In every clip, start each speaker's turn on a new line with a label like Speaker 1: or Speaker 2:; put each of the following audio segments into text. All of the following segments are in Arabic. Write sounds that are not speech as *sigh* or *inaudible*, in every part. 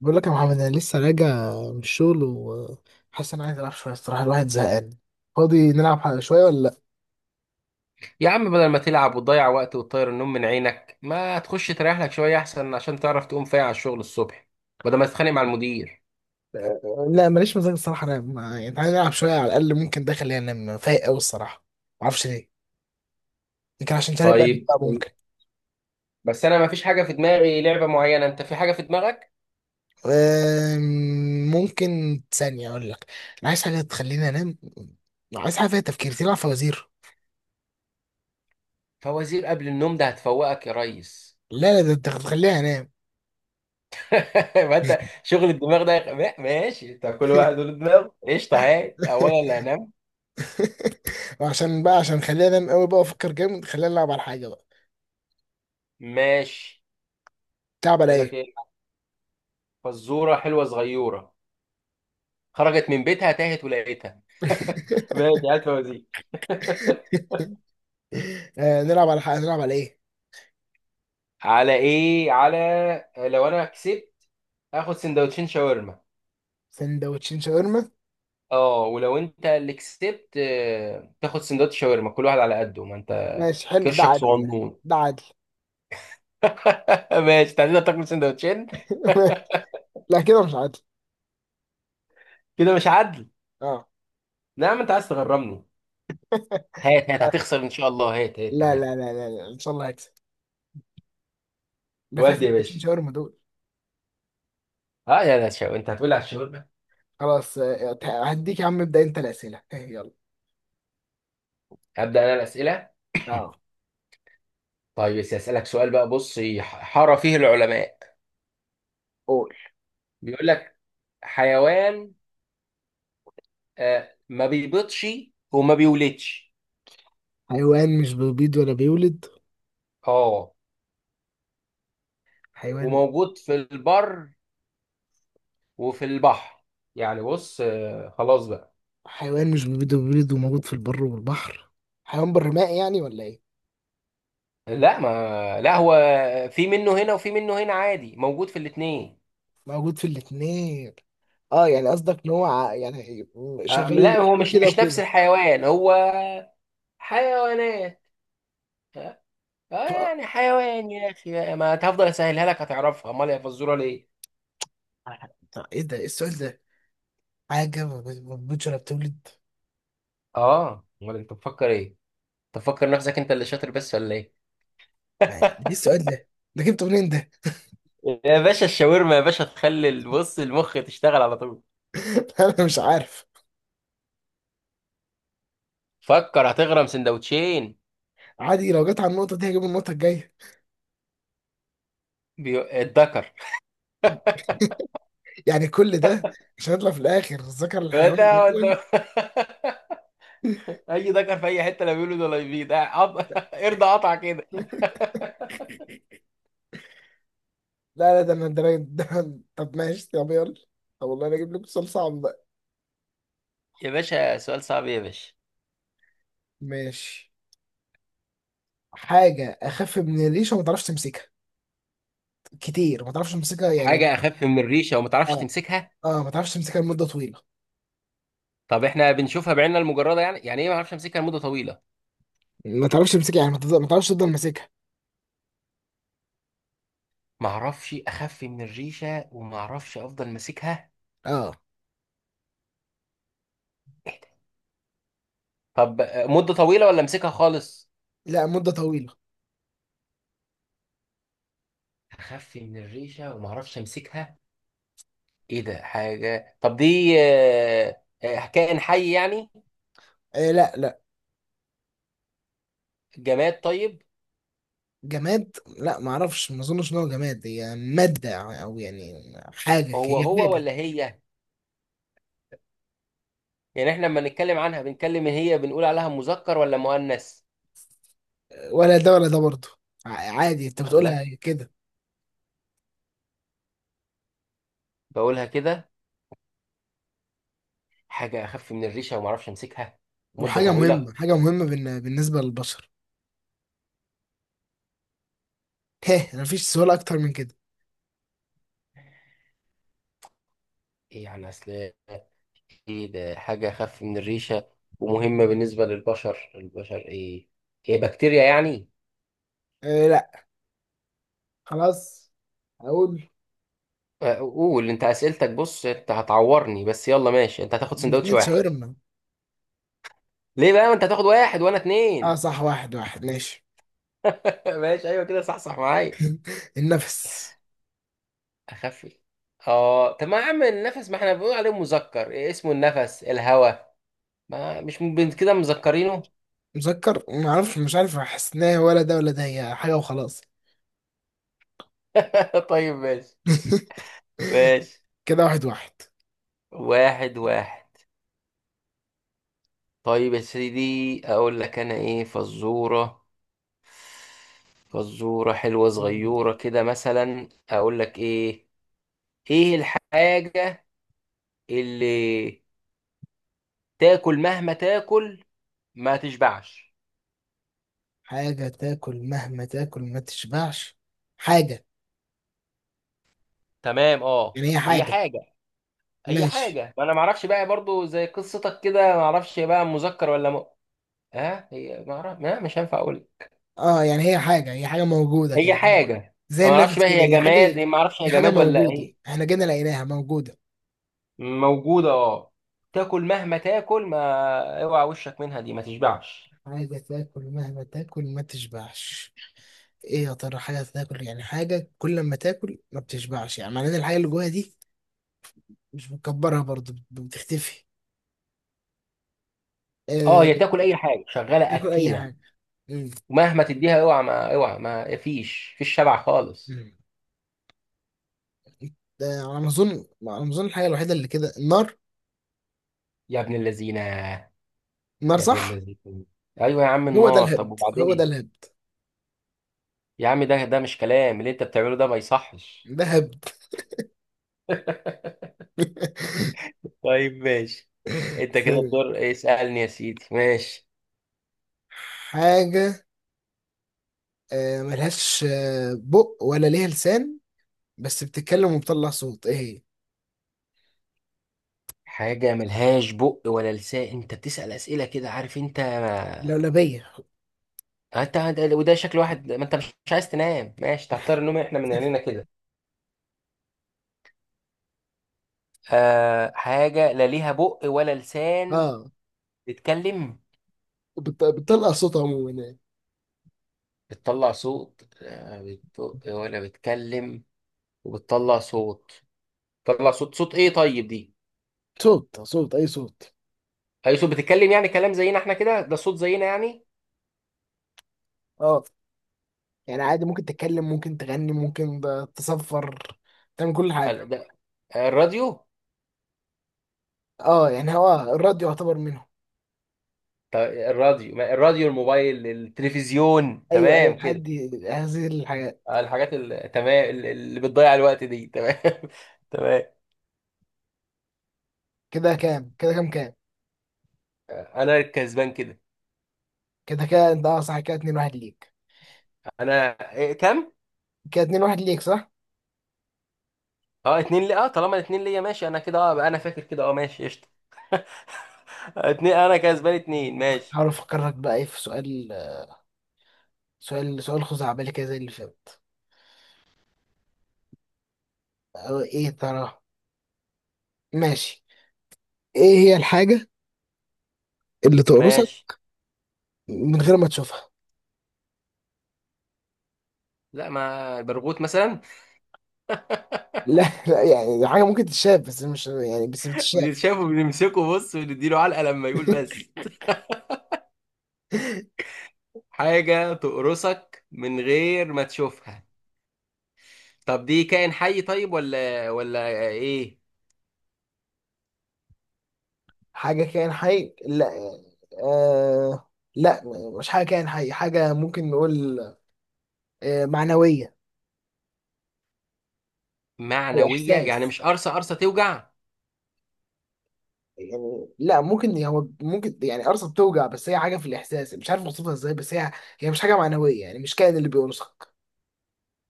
Speaker 1: بقول لك يا محمد، انا لسه راجع من الشغل وحاسس ان انا عايز العب شويه الصراحه. الواحد زهقان. فاضي نلعب شويه ولا لا؟
Speaker 2: يا عم، بدل ما تلعب وتضيع وقت وتطير النوم من عينك، ما تخش تريح لك شوية أحسن، عشان تعرف تقوم فايق على الشغل الصبح بدل ما تتخانق مع المدير.
Speaker 1: آه، لا، ماليش مزاج الصراحه انام يعني. تعالى نلعب شويه على الاقل، ممكن ده خلينا انام فايق قوي الصراحه. ما اعرفش ليه. يمكن عشان تاني بقى
Speaker 2: طيب،
Speaker 1: بقى ممكن.
Speaker 2: بس أنا ما فيش حاجة في دماغي لعبة معينة، أنت في حاجة في دماغك؟
Speaker 1: ممكن ثانيه اقول لك. انا عايز حاجه تخليني انام. عايز حاجه فيها تفكير، تلعب فوازير؟
Speaker 2: فوازير قبل النوم ده هتفوقك يا ريس.
Speaker 1: لا، لا، ده انت هتخليني انام.
Speaker 2: *laughs* ما أنت
Speaker 1: *laughs*
Speaker 2: شغل الدماغ ده ماشي، أنت كل واحد له دماغ. قشطة، هاي أولا اللي هنام.
Speaker 1: وعشان بقى عشان خليني انام قوي بقى افكر جامد، خليني العب على حاجه بقى.
Speaker 2: ماشي،
Speaker 1: تلعب على
Speaker 2: يقول لك
Speaker 1: ايه؟
Speaker 2: إيه. فزورة حلوة صغيرة: خرجت من بيتها تاهت ولقيتها. *laughs* ماشي،
Speaker 1: *laughs*
Speaker 2: هات فوازير. *laughs*
Speaker 1: آه، نلعب على حق، نلعب على ايه؟
Speaker 2: على ايه؟ على لو انا كسبت اخد سندوتشين شاورما.
Speaker 1: سندوتشين شاورما؟
Speaker 2: اه، ولو انت اللي كسبت، تاخد سندوتش شاورما، كل واحد على قده، ما انت
Speaker 1: ماشي، حلو، ده
Speaker 2: كرشك
Speaker 1: عدل ده.
Speaker 2: صغنون.
Speaker 1: ده عدل.
Speaker 2: *laughs* ماشي، تعالى تاكل سندوتشين.
Speaker 1: *laughs* لا، كده مش عدل.
Speaker 2: *laughs* كده مش عدل؟
Speaker 1: اه.
Speaker 2: نعم، انت عايز تغرمني. هات هات، هتخسر ان شاء الله، هات هات
Speaker 1: لا،
Speaker 2: تعالى.
Speaker 1: لا، لا، لا، لا. ان شاء الله هكسب. ده فاتت
Speaker 2: ودي يا
Speaker 1: سندوتشين
Speaker 2: باشا.
Speaker 1: شاورما دول.
Speaker 2: اه يا لا شو، انت هتقول لي على الشاورما.
Speaker 1: خلاص، هديك يا عم، ابدا انت الاسئله، يلا.
Speaker 2: هبدا انا الاسئله.
Speaker 1: اه.
Speaker 2: طيب، بس اسالك سؤال بقى، بص حار فيه العلماء.
Speaker 1: قول.
Speaker 2: بيقول لك: حيوان آه ما بيبيضش وما بيولدش.
Speaker 1: حيوان مش بيبيض ولا بيولد؟
Speaker 2: اه،
Speaker 1: حيوان.
Speaker 2: وموجود في البر وفي البحر. يعني بص، آه خلاص بقى.
Speaker 1: حيوان مش بيبيض ولا بيولد وموجود في البر والبحر. حيوان برمائي يعني ولا ايه؟
Speaker 2: لا، ما لا، هو في منه هنا وفي منه هنا، عادي، موجود في الاتنين.
Speaker 1: موجود في الاتنين؟ اه، يعني قصدك ان هو يعني
Speaker 2: آه
Speaker 1: شغال
Speaker 2: لا، هو
Speaker 1: فيه
Speaker 2: مش
Speaker 1: كده
Speaker 2: مش نفس
Speaker 1: وكده.
Speaker 2: الحيوان، هو حيوانات. اه. آه،
Speaker 1: ف...
Speaker 2: يعني حيوان يا اخي بقى. ما هتفضل اسهلها لك هتعرفها، امال يا فزوره ليه؟
Speaker 1: طب ايه ده؟ ايه السؤال ده؟ حاجة ما بتموتش ولا بتولد.
Speaker 2: اه، امال انت بتفكر ايه؟ تفكر نفسك انت اللي شاطر بس ولا ايه؟
Speaker 1: يعني ايه
Speaker 2: *laughs*
Speaker 1: السؤال ده؟ ده جبته منين ده؟
Speaker 2: يا باشا الشاورما يا باشا تخلي البص المخ تشتغل على طول.
Speaker 1: *laughs* انا مش عارف.
Speaker 2: فكر، هتغرم سندوتشين.
Speaker 1: عادي، لو جت على النقطة دي هجيب النقطة الجاية.
Speaker 2: الدكر. *laughs*
Speaker 1: يعني كل ده عشان اطلع في الاخر ذكر الحيوان
Speaker 2: ده
Speaker 1: عموما؟
Speaker 2: والد- اي دكر في اي حته لا بيولد ولا يبيض. *laughs* ارضى قطع كده.
Speaker 1: *laughs* لا، لا، ده انا ده، ده. طب ماشي، طب يلا. طب والله انا اجيب لك سؤال صعب بقى.
Speaker 2: يا باشا سؤال صعب يا باشا.
Speaker 1: ماشي. حاجة اخف من الريشة وما تعرفش تمسكها. كتير، ما تعرفش تمسكها يعني.
Speaker 2: حاجه اخف من الريشه وما تعرفش
Speaker 1: اه.
Speaker 2: تمسكها.
Speaker 1: اه، ما تعرفش تمسكها لمدة طويلة.
Speaker 2: طب احنا بنشوفها بعيننا المجرده، يعني يعني ايه ما اعرفش امسكها لمده طويله؟
Speaker 1: ما تعرفش تمسكها يعني، ما تعرفش تفضل ماسكها.
Speaker 2: ما اعرفش، اخف من الريشه وما اعرفش افضل ماسكها.
Speaker 1: اه.
Speaker 2: طب مده طويله ولا امسكها خالص؟
Speaker 1: لا، مدة طويلة.
Speaker 2: اخف من الريشه وما اعرفش امسكها. ايه ده؟ حاجة، طب دي كائن حي يعني؟
Speaker 1: إيه، لا، لا.
Speaker 2: جماد طيب؟
Speaker 1: جماد؟ لا، ما اعرفش، ما اظنش ان هو جماد. هي مادة، او يعني حاجة،
Speaker 2: هو
Speaker 1: هي
Speaker 2: هو
Speaker 1: حاجة.
Speaker 2: ولا هي؟ يعني احنا لما نتكلم عنها بنتكلم هي، بنقول عليها مذكر ولا مؤنث؟
Speaker 1: ولا ده ولا ده برضه. عادي انت
Speaker 2: الله،
Speaker 1: بتقولها كده.
Speaker 2: بقولها كده. حاجة اخف من الريشة وما اعرفش امسكها مدة
Speaker 1: وحاجة
Speaker 2: طويلة.
Speaker 1: مهمة، حاجة مهمة بالنسبة للبشر. *laughs* هه، انا مفيش سؤال اكتر من كده.
Speaker 2: ايه يعني اصل؟ ايه ده، حاجة اخف من الريشة ومهمة بالنسبة للبشر، البشر ايه؟ هي بكتيريا يعني؟
Speaker 1: إيه، لا. خلاص. اقول.
Speaker 2: قول انت اسئلتك، بص انت هتعورني، بس يلا ماشي، انت هتاخد سندوتش
Speaker 1: الاتنين
Speaker 2: واحد.
Speaker 1: شاورما.
Speaker 2: ليه بقى؟ ما انت هتاخد واحد وانا
Speaker 1: اه،
Speaker 2: اتنين.
Speaker 1: صح، واحد واحد ماشي.
Speaker 2: ماشي، ايوه كده، صح صح معايا.
Speaker 1: النفس.
Speaker 2: اخفي. اه، طب ما يا عم النفس، ما احنا بنقول عليه مذكر، إيه اسمه النفس، الهوى. ما مش م- بن- كده مذكرينه.
Speaker 1: مسكر، ما اعرفش، مش عارف. احس ان هي ولا ده ولا ده، هي حاجة وخلاص.
Speaker 2: *laughs* طيب ماشي. ماشي.
Speaker 1: *laughs* كده واحد
Speaker 2: واحد واحد. طيب يا سيدي، اقول لك انا ايه فزورة. فزورة حلوة
Speaker 1: واحد.
Speaker 2: صغيرة كده، مثلا اقول لك ايه ايه الحاجة اللي تاكل مهما تاكل ما تشبعش؟
Speaker 1: حاجة تاكل مهما تاكل ما تشبعش؟ حاجة.
Speaker 2: تمام، اه.
Speaker 1: يعني هي
Speaker 2: هي
Speaker 1: حاجة.
Speaker 2: حاجة، اي
Speaker 1: ماشي.
Speaker 2: حاجه، ما انا ما اعرفش بقى برضو زي قصتك كده، ما اعرفش بقى مذكر ولا ها هي، ما اعرف، لا مش هينفع اقول.
Speaker 1: اه، يعني هي حاجة، هي حاجة موجودة
Speaker 2: هي
Speaker 1: كده، زي
Speaker 2: حاجه.
Speaker 1: زي
Speaker 2: ما اعرفش
Speaker 1: النفس
Speaker 2: بقى
Speaker 1: كده،
Speaker 2: هي
Speaker 1: هي حاجة.
Speaker 2: جماد، هي ما اعرفش
Speaker 1: هي
Speaker 2: هي
Speaker 1: حاجة
Speaker 2: جماد ولا
Speaker 1: موجودة،
Speaker 2: ايه.
Speaker 1: احنا جينا لقيناها موجودة.
Speaker 2: موجوده، اه. تاكل مهما تاكل، ما اوعى وشك منها دي، ما تشبعش.
Speaker 1: حاجة تاكل مهما تاكل ما تشبعش. ايه يا ترى؟ حاجة تاكل يعني، حاجة كل ما تاكل ما بتشبعش، يعني معناه إن الحاجة اللي جواها دي مش بتكبرها برضه، بتختفي.
Speaker 2: اه،
Speaker 1: آه.
Speaker 2: هي تاكل اي حاجه، شغاله
Speaker 1: تاكل أي
Speaker 2: اكيله.
Speaker 1: حاجة. مم.
Speaker 2: ومهما تديها، اوعى ما اوعى، ما فيش شبع خالص.
Speaker 1: مم. ده على ما أظن الحاجة الوحيدة اللي كده، النار.
Speaker 2: يا ابن اللذينه.
Speaker 1: النار،
Speaker 2: يا ابن
Speaker 1: صح؟
Speaker 2: اللذينه. ايوه يا عم
Speaker 1: هو ده
Speaker 2: النار، طب
Speaker 1: الهبد، هو ده
Speaker 2: وبعدين؟
Speaker 1: الهبد.
Speaker 2: يا عم ده، ده مش كلام، اللي انت بتعمله ده ما يصحش.
Speaker 1: ده هبد.
Speaker 2: *laughs*
Speaker 1: *laughs*
Speaker 2: طيب ماشي. انت كده
Speaker 1: ثانية.
Speaker 2: الدور، اسألني يا سيدي ماشي.
Speaker 1: حاجة ملهاش بق ولا ليها لسان، بس بتتكلم وبتطلع صوت. ايه هي؟
Speaker 2: حاجة ملهاش بق ولا لسان؟ انت بتسأل أسئلة كده، عارف انت
Speaker 1: لولبية.
Speaker 2: وده شكل واحد ما انت مش عايز تنام، ماشي تختار النوم احنا من عينينا كده. آه، حاجة لا ليها بق ولا لسان
Speaker 1: اه،
Speaker 2: بتتكلم؟
Speaker 1: بتطلع صوت عموما يعني.
Speaker 2: بتطلع صوت، آه، بتبق ولا بتتكلم وبتطلع صوت؟ بتطلع صوت، صوت ايه طيب دي؟
Speaker 1: صوت، صوت، اي صوت.
Speaker 2: اي صوت، بتتكلم يعني كلام زينا احنا كده، ده صوت زينا يعني؟
Speaker 1: اه يعني عادي، ممكن تتكلم، ممكن تغني، ممكن تصفر، تعمل كل حاجة.
Speaker 2: ال- ده- آه، الراديو.
Speaker 1: اه، يعني هو الراديو يعتبر منهم.
Speaker 2: طب الراديو، ما الراديو الموبايل التلفزيون
Speaker 1: ايوه، ايوه،
Speaker 2: تمام كده.
Speaker 1: لحد هذه الحاجات.
Speaker 2: آه، الحاجات تمام، اللي بتضيع الوقت دي، تمام. *laughs* تمام.
Speaker 1: كده كام؟
Speaker 2: آه، انا الكسبان كده.
Speaker 1: كده انت، اه صح، كده اتنين واحد ليك.
Speaker 2: انا، إيه كام؟
Speaker 1: كده اتنين واحد ليك، صح؟
Speaker 2: اه اتنين لي، اه طالما الاتنين ليا ماشي، انا كده اه بقى، انا فاكر كده اه، ماشي قشطه. *laughs* اتنين، انا كسبان اتنين، ماشي.
Speaker 1: حاول افكرك بقى ايه في سؤال، سؤال خزعبلي كده زي اللي فات. أو ايه ترى. ماشي. ايه هي الحاجة اللي تقرصك
Speaker 2: ماشي.
Speaker 1: من غير ما تشوفها؟ *laughs*
Speaker 2: لا، ما برغوت مثلا.
Speaker 1: لا، لا، يعني حاجة ممكن تتشاف، بس مش يعني بس
Speaker 2: *laughs*
Speaker 1: بتتشاف.
Speaker 2: بتتشافه، بنمسكه بص ونديله علقه لما يقول
Speaker 1: *laughs*
Speaker 2: بس. حاجه تقرصك من غير ما تشوفها. طب دي كائن حي طيب ولا ايه؟
Speaker 1: حاجة كائن حي؟ لا يعني. آه. لا. مش حاجة كائن حي، حاجة ممكن نقول معنوية. أو
Speaker 2: معنوية يعني
Speaker 1: إحساس.
Speaker 2: مش قرصة قرصة توجع؟
Speaker 1: يعني لا، ممكن هو ممكن يعني قرصة بتوجع، بس هي حاجة في الإحساس، مش عارف أوصفها إزاي، بس هي هي مش حاجة معنوية، يعني مش كائن اللي بيقرصك.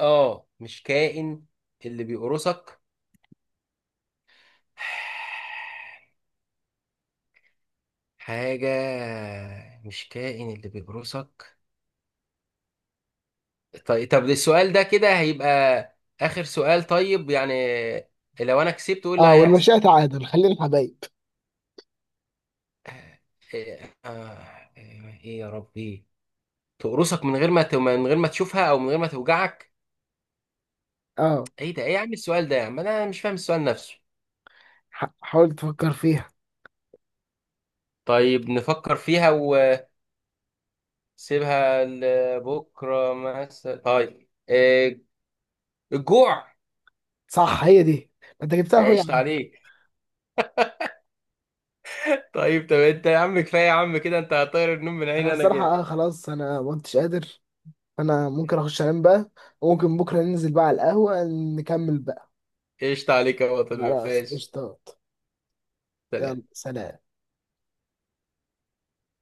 Speaker 2: اه، مش كائن اللي بيقرصك. حاجة، مش كائن اللي بيقرصك. طيب، طب السؤال ده كده هيبقى آخر سؤال طيب يعني. لو أنا كسبت، قول اللي
Speaker 1: اه،
Speaker 2: هيحصل.
Speaker 1: والمشيئة تعادل، خلينا حبايب.
Speaker 2: آه، إيه يا ربي. تقرصك من غير ما من غير ما تشوفها أو من غير ما توجعك.
Speaker 1: اه،
Speaker 2: إيه ده، إيه يا عم السؤال ده، يا عم أنا مش فاهم السؤال نفسه.
Speaker 1: حاول تفكر فيها.
Speaker 2: طيب نفكر فيها سيبها لبكره مثلا. طيب، إيه، الجوع.
Speaker 1: صح، هي دي. ما انت جبتها اهو
Speaker 2: قشطة
Speaker 1: يعني.
Speaker 2: عليك. *laughs* طيب، طب انت يا عم كفايه يا عم كده، انت هتطير النوم من
Speaker 1: انا
Speaker 2: عيني انا
Speaker 1: الصراحة
Speaker 2: كده.
Speaker 1: اه، خلاص، انا ما كنتش قادر. انا ممكن اخش انام بقى، وممكن بكرة ننزل بقى على القهوة، نكمل بقى.
Speaker 2: قشطة عليك يا بطل،
Speaker 1: خلاص،
Speaker 2: ماشي.
Speaker 1: قشطات. يلا،
Speaker 2: سلام.
Speaker 1: سلام.